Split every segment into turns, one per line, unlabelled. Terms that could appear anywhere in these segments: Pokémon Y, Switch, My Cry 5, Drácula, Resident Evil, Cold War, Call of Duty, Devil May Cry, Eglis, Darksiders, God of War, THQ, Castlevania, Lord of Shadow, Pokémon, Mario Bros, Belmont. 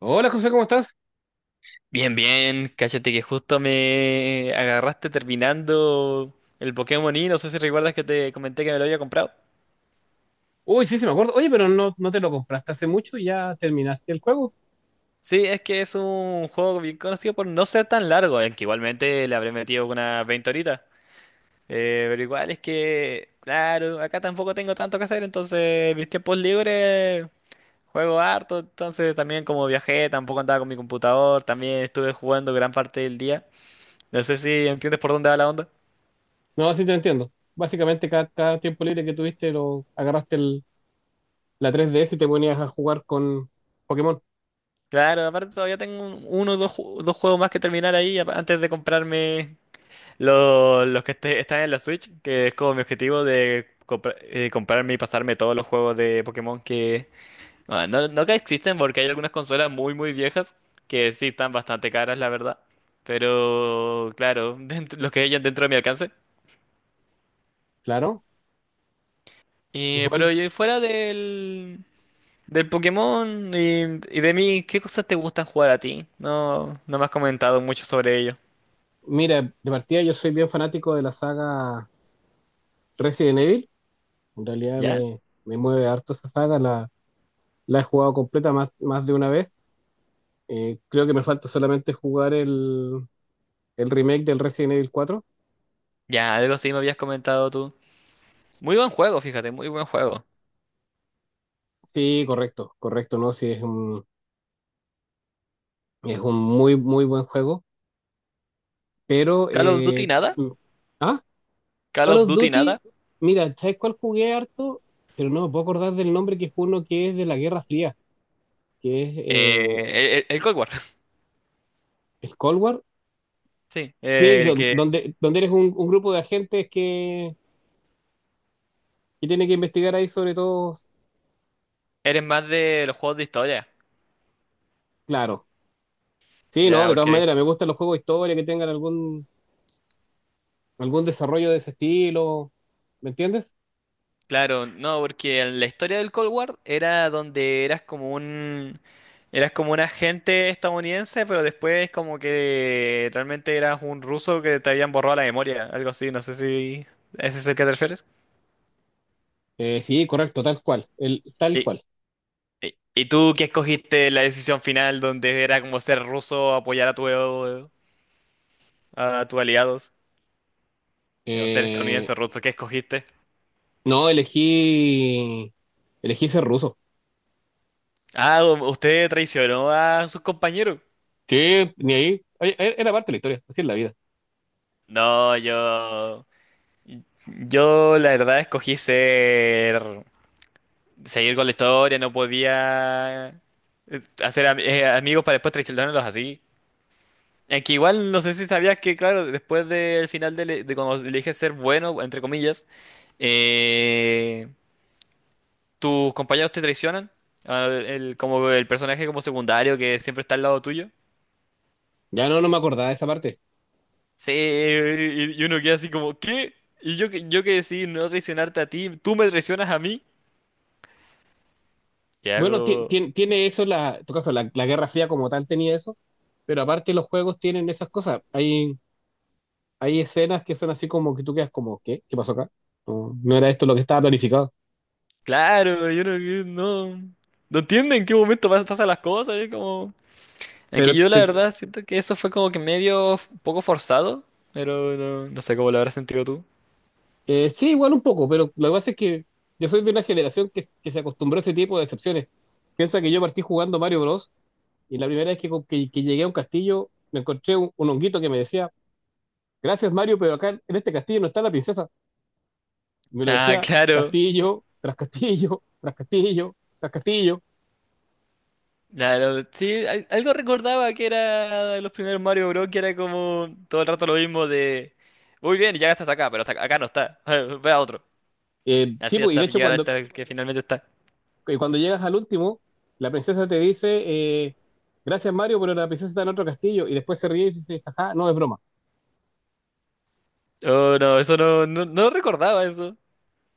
Hola José, ¿cómo estás?
Bien, bien, cállate que justo me agarraste terminando el Pokémon Y, no sé si recuerdas que te comenté que me lo había comprado.
Uy, sí, sí me acuerdo. Oye, pero no, no te lo compraste hace mucho y ya terminaste el juego.
Sí, es que es un juego bien conocido por no ser tan largo, aunque igualmente le habré metido unas 20 horitas. Pero igual es que, claro, acá tampoco tengo tanto que hacer, entonces mis tiempos libres juego harto, entonces también como viajé, tampoco andaba con mi computador, también estuve jugando gran parte del día. No sé si entiendes por dónde va la onda.
No, sí te entiendo. Básicamente cada tiempo libre que tuviste lo agarraste la 3DS y te ponías a jugar con Pokémon.
Claro, aparte todavía tengo uno o dos, dos juegos más que terminar ahí antes de comprarme los que están en la Switch, que es como mi objetivo de comprarme y pasarme todos los juegos de Pokémon que... ah, no, que existen porque hay algunas consolas muy muy viejas que sí están bastante caras, la verdad. Pero claro, dentro, los que hayan dentro de mi alcance.
Claro. Igual,
Pero y fuera del Pokémon y de mí, ¿qué cosas te gustan jugar a ti? No, no me has comentado mucho sobre ello.
mira, de partida yo soy bien fanático de la saga Resident Evil. En realidad
¿Ya?
me mueve harto esa saga. La he jugado completa más de una vez. Creo que me falta solamente jugar el remake del Resident Evil 4.
Ya, algo así me habías comentado tú. Muy buen juego, fíjate, muy buen juego.
Sí, correcto, correcto, ¿no? Sí, es un muy, muy buen juego, pero...
Call of Duty nada,
ah,
Call
Call
of
of
Duty nada.
Duty, mira, ¿sabes cuál jugué harto? Pero no me puedo acordar del nombre que es uno que es de la Guerra Fría, que es
Eh, el, el- el Cold War,
el Cold War.
sí.
Sí, es
El que
donde, donde eres un grupo de agentes que tiene que investigar ahí sobre todo,
eres más de los juegos de historia.
claro. Sí, no,
Ya,
de todas
porque,
maneras, me gustan los juegos de historia que tengan algún desarrollo de ese estilo, ¿me entiendes?
claro, no, porque en la historia del Cold War era donde eras como un... Eras como un agente estadounidense, pero después como que realmente eras un ruso que te habían borrado la memoria, algo así, no sé si ese es el que te refieres.
Sí, correcto, tal cual, el, tal cual.
¿Y tú qué escogiste en la decisión final donde era como ser ruso, apoyar a tu, a tus aliados? ¿O ser
Eh,
estadounidense o ruso, qué escogiste?
No, elegí ser ruso.
Ah, usted traicionó a sus compañeros.
Que ni ahí, ay, era parte de la historia, así es la vida.
No, yo... Yo la verdad escogí ser... Seguir con la historia, no podía hacer amigos para después traicionarlos así. Es que igual no sé si sabías que, claro, después del final de cuando elige ser bueno, entre comillas, eh, ¿tus compañeros te traicionan? Ah, el, como el personaje como secundario que siempre está al lado tuyo.
Ya no, no me acordaba de esa parte.
Sí, y uno queda así como, ¿qué? Y yo, yo que decidí no traicionarte a ti, tú me traicionas a mí. Y
Bueno,
algo,
tiene eso, la, en tu caso, la Guerra Fría como tal tenía eso, pero aparte los juegos tienen esas cosas. Hay escenas que son así como que tú quedas como, ¿qué? ¿Qué pasó acá? No, no era esto lo que estaba planificado.
claro, yo no, que- no, no entiendo en qué momento pasan las cosas. Es como, en que
Pero
yo la
te,
verdad siento que eso fue como que medio un poco forzado, pero no, no sé cómo lo habrás sentido tú.
sí, igual un poco, pero lo que pasa es que yo soy de una generación que se acostumbró a ese tipo de excepciones. Piensa que yo partí jugando Mario Bros. Y la primera vez que llegué a un castillo, me encontré un honguito que me decía, gracias Mario, pero acá en este castillo no está la princesa. Me lo
Ah,
decía
claro.
castillo, tras castillo, tras castillo, tras castillo.
Claro, sí, algo recordaba que era de los primeros Mario Bros. Que era como todo el rato lo mismo de, muy bien, ya hasta acá, pero hasta acá no está, ve a otro.
Sí,
Así
pues, y de
hasta
hecho
llegar hasta el que finalmente está.
cuando llegas al último, la princesa te dice, gracias Mario, pero la princesa está en otro castillo. Y después se ríe y dice, ajá, no es broma.
Oh, no, eso no, no, no recordaba eso.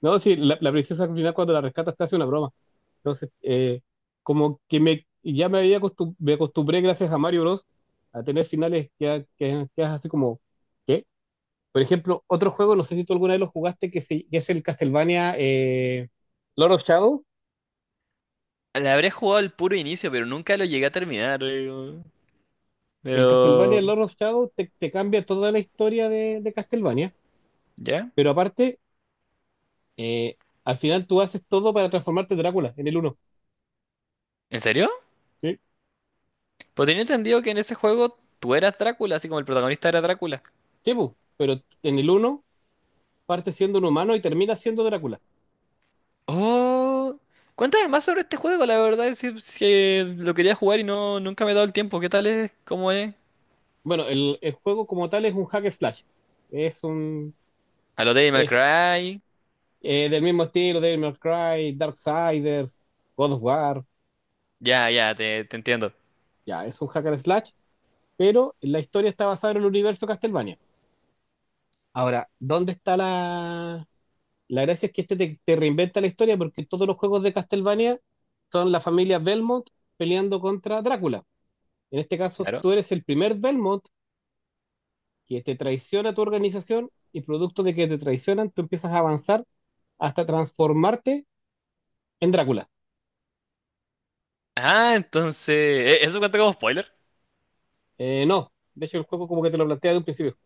No, sí, la princesa al final cuando la rescata te hace una broma. Entonces, como que ya me había me acostumbré, gracias a Mario Bros, a tener finales que es así como, ¿qué? Por ejemplo, otro juego, no sé si tú alguna vez lo jugaste, que es el Castlevania Lord of Shadow.
Le habré jugado al puro inicio, pero nunca lo llegué a terminar, digo.
El Castlevania
Pero,
Lord of Shadow te cambia toda la historia de Castlevania,
¿ya?
pero aparte, eh, al final tú haces todo para transformarte en Drácula, en el uno.
¿En serio?
Sí,
Pues tenía entendido que en ese juego tú eras Drácula, así como el protagonista era Drácula.
sí, bu, pero en el uno parte siendo un humano y termina siendo Drácula.
Oh, cuéntame más sobre este juego, la verdad es que lo quería jugar y nunca me he dado el tiempo. ¿Qué tal es? ¿Cómo es?
Bueno, el juego como tal es un hack and slash. Es un.
A lo Devil May
Es,
Cry.
del mismo estilo, Devil May Cry, Darksiders, God of War.
Ya, ya, te entiendo.
Ya, es un hack and slash, pero la historia está basada en el universo Castlevania. Ahora, ¿dónde está la? La gracia es que este te reinventa la historia porque todos los juegos de Castlevania son la familia Belmont peleando contra Drácula. En este caso,
Claro.
tú eres el primer Belmont que te traiciona tu organización y producto de que te traicionan, tú empiezas a avanzar hasta transformarte en Drácula.
Ah, entonces, ¿eso cuenta como spoiler?
No, de hecho el juego como que te lo plantea de un principio.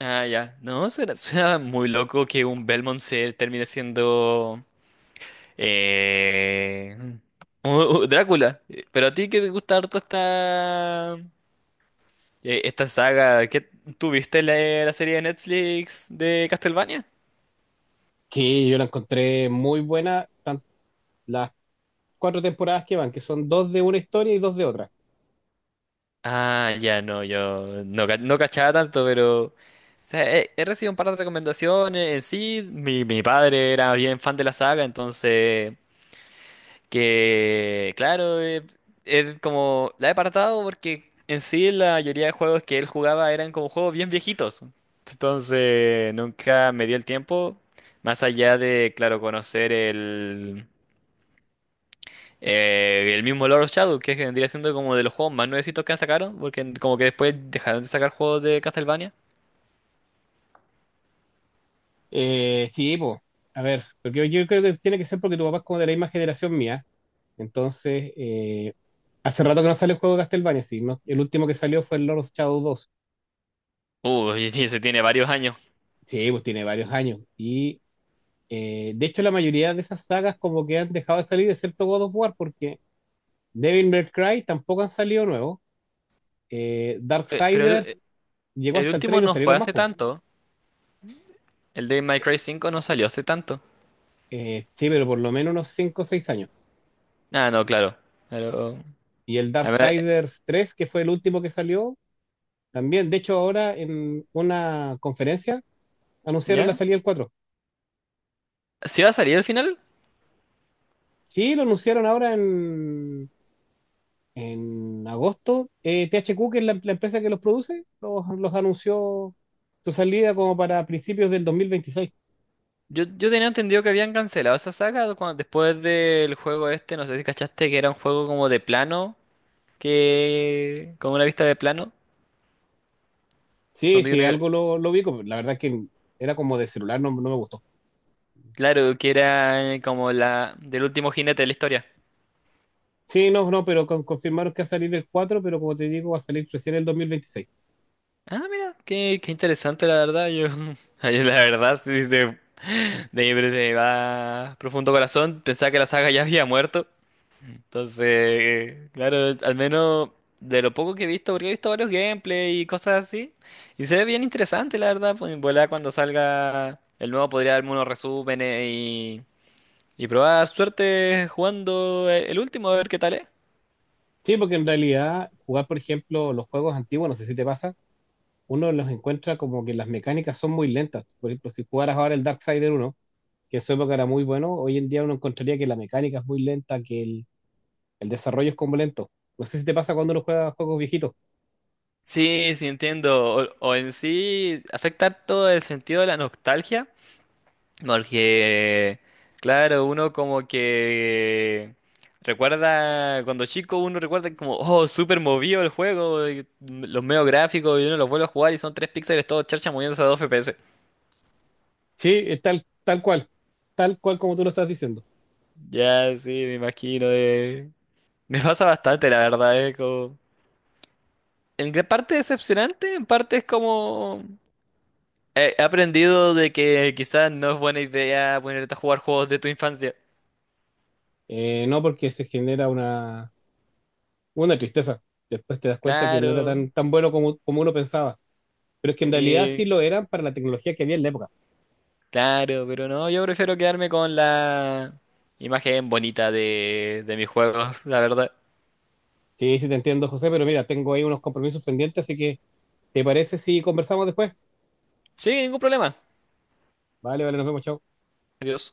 Ah, ya. No, suena, suena muy loco que un Belmont se termine siendo eh, u- Drácula. Pero a ti que te gusta harto esta esta saga, ¿qué tuviste la, la serie de Netflix de Castlevania?
Sí, yo la encontré muy buena, tan- las cuatro temporadas que van, que son dos de una historia y dos de otra.
Ah, ya no, yo no, ca- no cachaba tanto, pero o sea, he recibido un par de recomendaciones. En sí, mi padre era bien fan de la saga, entonces que claro, él como la he apartado porque en sí la mayoría de juegos que él jugaba eran como juegos bien viejitos. Entonces nunca me dio el tiempo, más allá de, claro, conocer el mismo Lord of Shadow, que es que vendría siendo como de los juegos más nuevecitos que sacaron, porque como que después dejaron de sacar juegos de Castlevania.
Sí, pues, a ver, porque yo creo que tiene que ser porque tu papá es como de la misma generación mía. Entonces, hace rato que no sale el juego de Castlevania, sí, no- el último que salió fue el Lord of Shadow 2.
Uh, se tiene varios años.
Sí, pues tiene varios años. Y de hecho la mayoría de esas sagas como que han dejado de salir, excepto God of War, porque Devil May Cry tampoco han salido nuevos.
Eh, pero el,
Darksiders
eh,
llegó
el
hasta el 3
último
y no
no fue
salieron más,
hace
po.
tanto. El de My
Eh,
Cry 5 no salió hace tanto.
sí, pero por lo menos unos 5 o 6 años.
Ah, no, claro. Pero,
Y el
a ver,
Darksiders 3, que fue el último que salió, también. De hecho, ahora en una conferencia anunciaron la
¿ya?
salida del 4.
¿Si va a salir al final?
Sí, lo anunciaron ahora en agosto. THQ, que es la empresa que los produce, los anunció su salida como para principios del 2026.
Yo tenía entendido que habían cancelado esa saga después del juego este, no sé si cachaste que era un juego como de plano, que con una vista de plano,
Sí,
donde
sí,
uno,
algo lo vi. La verdad que era como de celular, no, no me gustó.
claro, que era como la del último jinete de la historia.
Sí, no, no, pero confirmaron que va a salir el 4, pero como te digo, va a salir recién el 2026.
Ah, mira, qué, qué interesante la verdad. Yo, ay, la verdad, sí, de mi más profundo corazón, pensaba que la saga ya había muerto. Entonces, claro, al menos de lo poco que he visto, porque he visto varios gameplay y cosas así. Y se ve bien interesante, la verdad. Pues en volá cuando salga el nuevo podría darme unos resúmenes y probar suerte jugando el último, a ver qué tal es.
Sí, porque en realidad jugar, por ejemplo, los juegos antiguos, no sé si te pasa, uno los encuentra como que las mecánicas son muy lentas. Por ejemplo, si jugaras ahora el Darksider 1, que en su época era muy bueno, hoy en día uno encontraría que la mecánica es muy lenta, que el desarrollo es como lento. No sé si te pasa cuando uno juega juegos viejitos.
Sí, sí entiendo. O en sí afecta todo el sentido de la nostalgia, porque, claro, uno como que recuerda, cuando chico uno recuerda como, oh, súper movido el juego, y los medios gráficos, y uno los vuelve a jugar y son tres píxeles todo charcha moviéndose a dos FPS.
Sí, es tal, tal cual como tú lo estás diciendo.
Ya, sí, me imagino. Me pasa bastante, la verdad, es como... En gran parte decepcionante, en parte es como... He aprendido de que quizás no es buena idea ponerte a jugar juegos de tu infancia.
No porque se genera una tristeza. Después te das cuenta que no era
Claro,
tan bueno como uno pensaba. Pero es que en realidad
y
sí lo eran para la tecnología que había en la época.
claro, pero no, yo prefiero quedarme con la imagen bonita de mis juegos, la verdad.
Sí, sí te entiendo, José, pero mira, tengo ahí unos compromisos pendientes, así que ¿te parece si conversamos después?
Sí, ningún problema.
Vale, vale, nos vemos, chao.
Adiós.